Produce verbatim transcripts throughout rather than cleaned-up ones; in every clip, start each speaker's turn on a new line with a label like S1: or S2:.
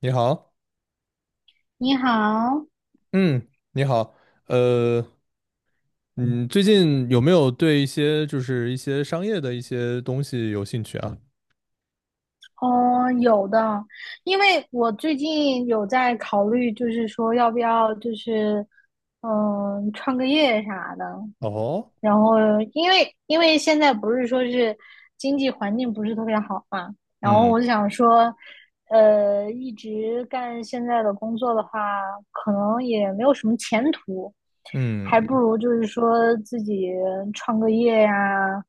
S1: 你好，
S2: 你好。
S1: 嗯，你好，呃，嗯，最近有没有对一些就是一些商业的一些东西有兴趣啊？
S2: 嗯，有的。因为我最近有在考虑，就是说要不要，就是嗯，创个业啥的。
S1: 哦，
S2: 然后因为因为现在不是说是经济环境不是特别好嘛，然后
S1: 嗯
S2: 我想说，呃，一直干现在的工作的话，可能也没有什么前途，还不
S1: 嗯
S2: 如就是说自己创个业呀，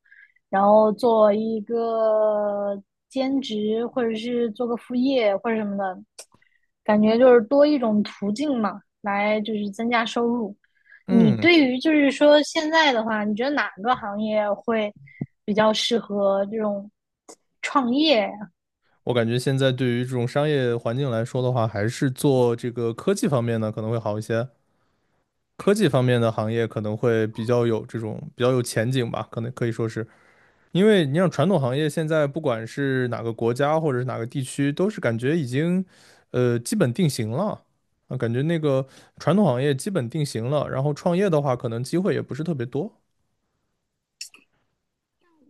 S2: 然后做一个兼职，或者是做个副业或者什么的，感觉就是多一种途径嘛，来就是增加收入。你
S1: 嗯，
S2: 对于就是说现在的话，你觉得哪个行业会比较适合这种创业？
S1: 我感觉现在对于这种商业环境来说的话，还是做这个科技方面呢可能会好一些，科技方面的行业可能会比较有这种比较有前景吧，可能可以说是。因为你像传统行业，现在不管是哪个国家或者是哪个地区，都是感觉已经，呃，基本定型了啊，感觉那个传统行业基本定型了，然后创业的话，可能机会也不是特别多。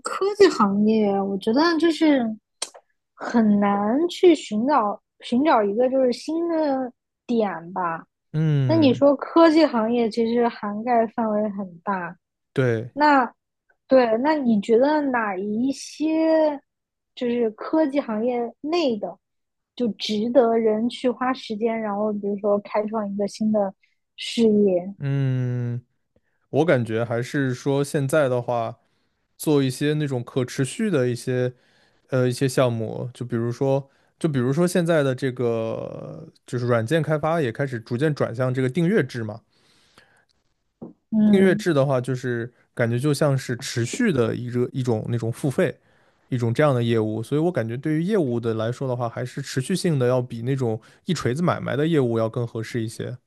S2: 科技行业，我觉得就是很难去寻找寻找一个就是新的点吧。那你
S1: 嗯，
S2: 说科技行业其实涵盖范围很大，
S1: 对，
S2: 那对，那你觉得哪一些就是科技行业内的，就值得人去花时间，然后比如说开创一个新的事业？
S1: 嗯，我感觉还是说现在的话，做一些那种可持续的一些呃一些项目，就比如说，就比如说现在的这个就是软件开发也开始逐渐转向这个订阅制嘛。订阅
S2: 嗯，
S1: 制的话，就是感觉就像是持续的一个一种那种付费，一种这样的业务，所以我感觉对于业务的来说的话，还是持续性的要比那种一锤子买卖的业务要更合适一些。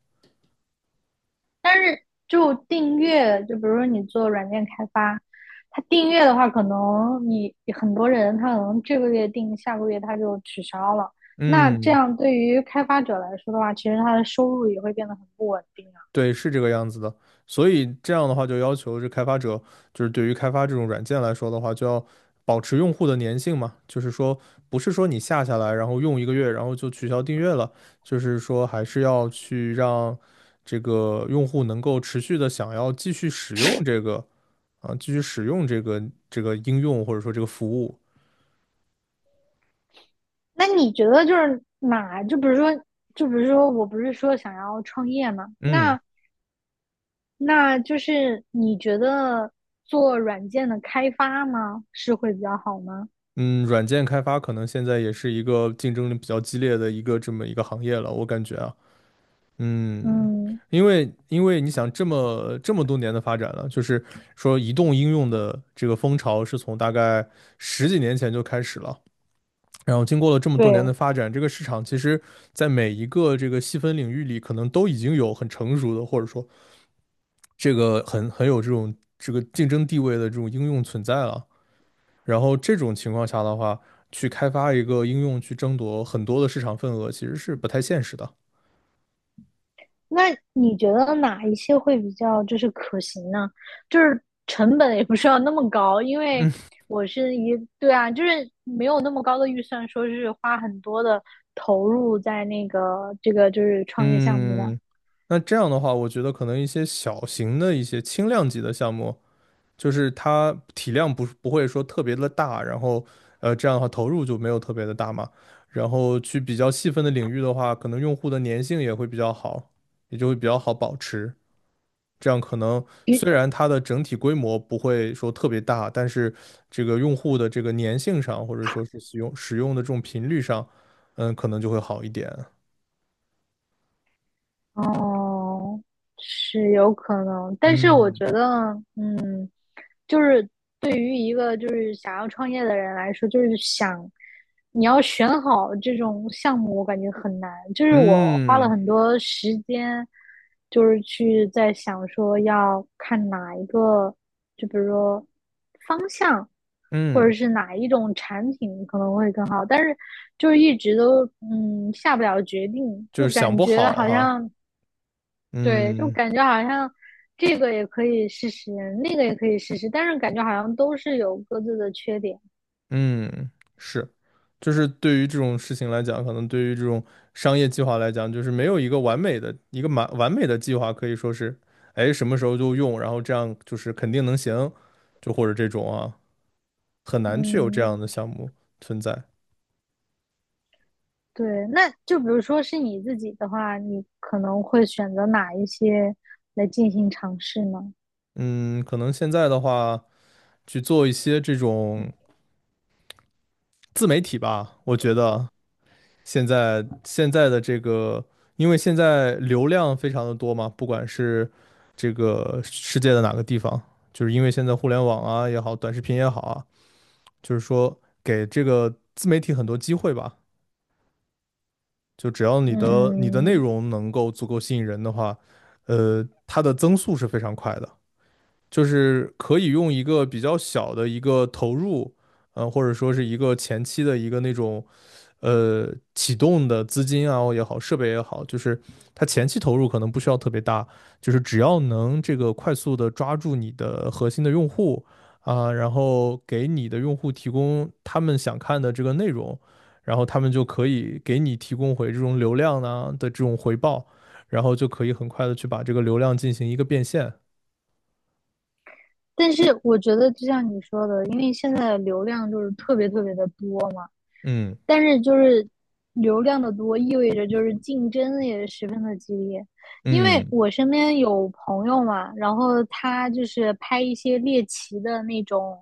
S2: 就订阅，就比如说你做软件开发，它订阅的话，可能你很多人他可能这个月订，下个月他就取消了。那这
S1: 嗯，
S2: 样对于开发者来说的话，其实他的收入也会变得很不稳定啊。
S1: 对，是这个样子的。所以这样的话，就要求这开发者，就是对于开发这种软件来说的话，就要保持用户的粘性嘛。就是说，不是说你下下来，然后用一个月，然后就取消订阅了。就是说，还是要去让这个用户能够持续的想要继续使用这个啊，继续使用这个这个应用或者说这个服务。
S2: 那你觉得就是哪？就比如说，就比如说，我不是说想要创业嘛？
S1: 嗯
S2: 那那就是你觉得做软件的开发吗？是会比较好吗？
S1: 嗯，软件开发可能现在也是一个竞争力比较激烈的一个这么一个行业了，我感觉啊。嗯，
S2: 嗯，
S1: 因为因为你想这么这么多年的发展了，就是说移动应用的这个风潮是从大概十几年前就开始了，然后经过了这么多年的
S2: 对。
S1: 发展，这个市场其实在每一个这个细分领域里，可能都已经有很成熟的，或者说这个很很有这种这个竞争地位的这种应用存在了。然后这种情况下的话，去开发一个应用去争夺很多的市场份额，其实是不太现实的。
S2: 那你觉得哪一些会比较就是可行呢？就是成本也不是要那么高，因为
S1: 嗯。
S2: 我是一，对啊，就是没有那么高的预算，说是花很多的投入在那个这个就是创业项目上。
S1: 嗯，那这样的话，我觉得可能一些小型的一些轻量级的项目，就是它体量不是不会说特别的大，然后呃这样的话投入就没有特别的大嘛。然后去比较细分的领域的话，可能用户的粘性也会比较好，也就会比较好保持。这样可能虽然它的整体规模不会说特别大，但是这个用户的这个粘性上，或者说是使用使用的这种频率上，嗯，可能就会好一点。
S2: 哦，是有可能，但是我
S1: 嗯，
S2: 觉得，嗯，就是对于一个就是想要创业的人来说，就是想你要选好这种项目，我感觉很难。就是我花了
S1: 嗯。
S2: 很多时间，就是去在想说要看哪一个，就比如说方向，或者
S1: 嗯，
S2: 是哪一种产品可能会更好，但是就是一直都嗯下不了决定，
S1: 就
S2: 就
S1: 是想
S2: 感
S1: 不
S2: 觉
S1: 好
S2: 好
S1: 哈，
S2: 像。对，就
S1: 嗯
S2: 感觉好像这个也可以试试，那个也可以试试，但是感觉好像都是有各自的缺点。
S1: 嗯，是，就是对于这种事情来讲，可能对于这种商业计划来讲，就是没有一个完美的一个完完美的计划，可以说是，哎，什么时候就用，然后这样就是肯定能行，就或者这种啊，很难去有这
S2: 嗯，
S1: 样的项目存在。
S2: 对，那就比如说是你自己的话，你可能会选择哪一些来进行尝试呢？
S1: 嗯，可能现在的话，去做一些这种自媒体吧，我觉得现在现在的这个，因为现在流量非常的多嘛，不管是这个世界的哪个地方，就是因为现在互联网啊也好，短视频也好啊，就是说给这个自媒体很多机会吧。就只要你的你的内
S2: 嗯，
S1: 容能够足够吸引人的话，呃，它的增速是非常快的，就是可以用一个比较小的一个投入，呃，或者说是一个前期的一个那种呃启动的资金啊也好，设备也好，就是它前期投入可能不需要特别大，就是只要能这个快速的抓住你的核心的用户啊，然后给你的用户提供他们想看的这个内容，然后他们就可以给你提供回这种流量呢的这种回报，然后就可以很快的去把这个流量进行一个变现。
S2: 但是我觉得就像你说的，因为现在流量就是特别特别的多嘛。
S1: 嗯
S2: 但是就是流量的多，意味着就是竞争也十分的激烈。因为
S1: 嗯
S2: 我身边有朋友嘛，然后他就是拍一些猎奇的那种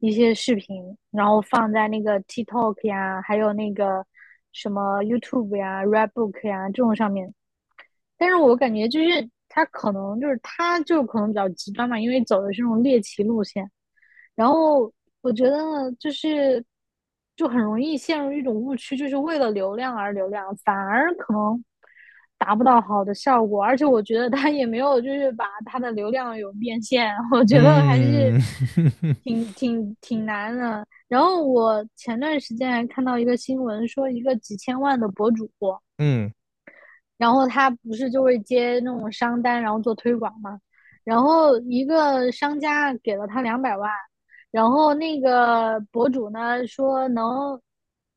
S2: 一些视频，然后放在那个 TikTok 呀，还有那个什么 YouTube 呀、Redbook 呀这种上面。但是我感觉就是他可能就是他就可能比较极端嘛，因为走的是那种猎奇路线。然后我觉得呢，就是就很容易陷入一种误区，就是为了流量而流量，反而可能达不到好的效果。而且我觉得他也没有就是把他的流量有变现，我觉得还是
S1: 嗯
S2: 挺挺挺难的。然后我前段时间还看到一个新闻，说一个几千万的博主。
S1: 嗯
S2: 然后他不是就会接那种商单，然后做推广嘛。然后一个商家给了他两百万，然后那个博主呢说能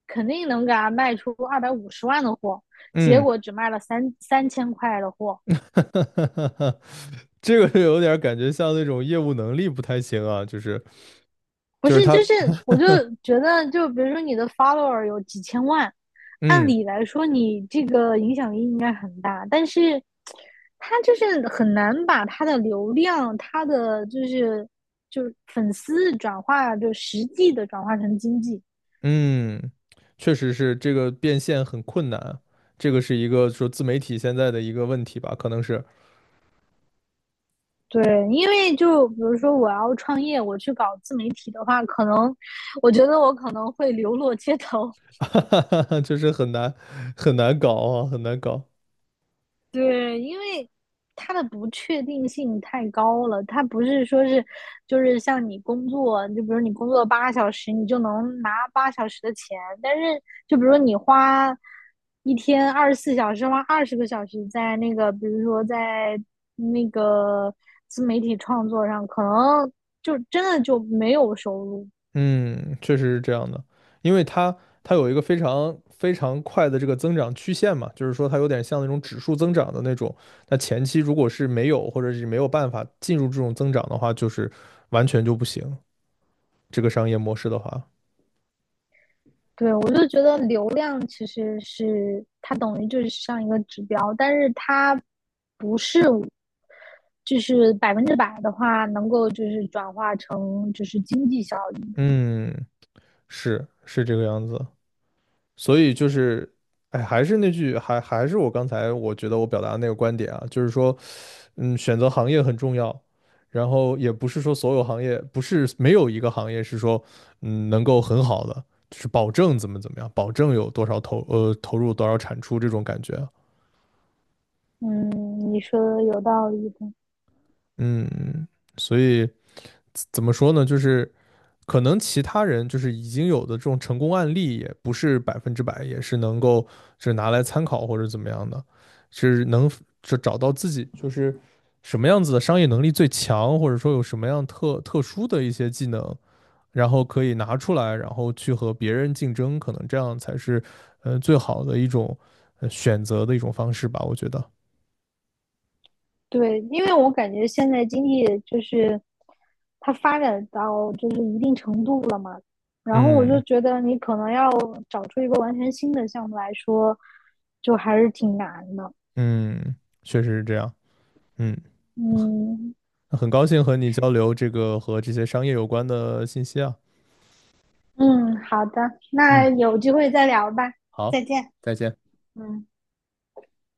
S2: 肯定能给他卖出二百五十万的货，结
S1: 嗯。
S2: 果只卖了三三千块的货。
S1: 哈，这个就有点感觉像那种业务能力不太行啊，就是
S2: 不
S1: 就是
S2: 是，
S1: 他，
S2: 就是我就觉得，就比如说你的 follower 有几千万，按
S1: 嗯
S2: 理来说你这个影响力应该很大，但是他就是很难把他的流量、他的就是就是粉丝转化，就实际的转化成经济。
S1: 嗯，确实是这个变现很困难，这个是一个说自媒体现在的一个问题吧，可能是，
S2: 对，因为就比如说我要创业，我去搞自媒体的话，可能我觉得我可能会流落街头，
S1: 就是很难很难搞啊，很难搞。
S2: 对，因为它的不确定性太高了，它不是说是，就是像你工作，就比如你工作八小时，你就能拿八小时的钱，但是就比如你花一天二十四小时，花二十个小时在那个，比如说在那个自媒体创作上，可能就真的就没有收入。
S1: 嗯，确实是这样的，因为它它有一个非常非常快的这个增长曲线嘛，就是说它有点像那种指数增长的那种。那前期如果是没有或者是没有办法进入这种增长的话，就是完全就不行。这个商业模式的话，
S2: 对，我就觉得流量其实是它等于就是像一个指标，但是它不是就是百分之百的话能够就是转化成就是经济效益。
S1: 嗯，是是这个样子。所以就是，哎，还是那句，还还是我刚才我觉得我表达的那个观点啊，就是说嗯，选择行业很重要，然后也不是说所有行业，不是没有一个行业是说，嗯，能够很好的，就是保证怎么怎么样，保证有多少投呃投入多少产出这种感觉啊，
S2: 嗯，你说的有道理的。
S1: 嗯，所以怎么说呢？就是可能其他人就是已经有的这种成功案例，也不是百分之百，也是能够就是拿来参考或者怎么样的，是能就找到自己就是什么样子的商业能力最强，或者说有什么样特特殊的一些技能，然后可以拿出来，然后去和别人竞争，可能这样才是呃最好的一种呃选择的一种方式吧，我觉得。
S2: 对，因为我感觉现在经济就是它发展到就是一定程度了嘛，然后我就
S1: 嗯
S2: 觉得你可能要找出一个完全新的项目来说，就还是挺难的。
S1: 嗯，确实是这样。嗯。
S2: 嗯，
S1: 很高兴和你交流这个和这些商业有关的信息啊。
S2: 嗯，好的，那
S1: 嗯，
S2: 有机会再聊吧，再
S1: 好，
S2: 见。
S1: 再见。
S2: 嗯。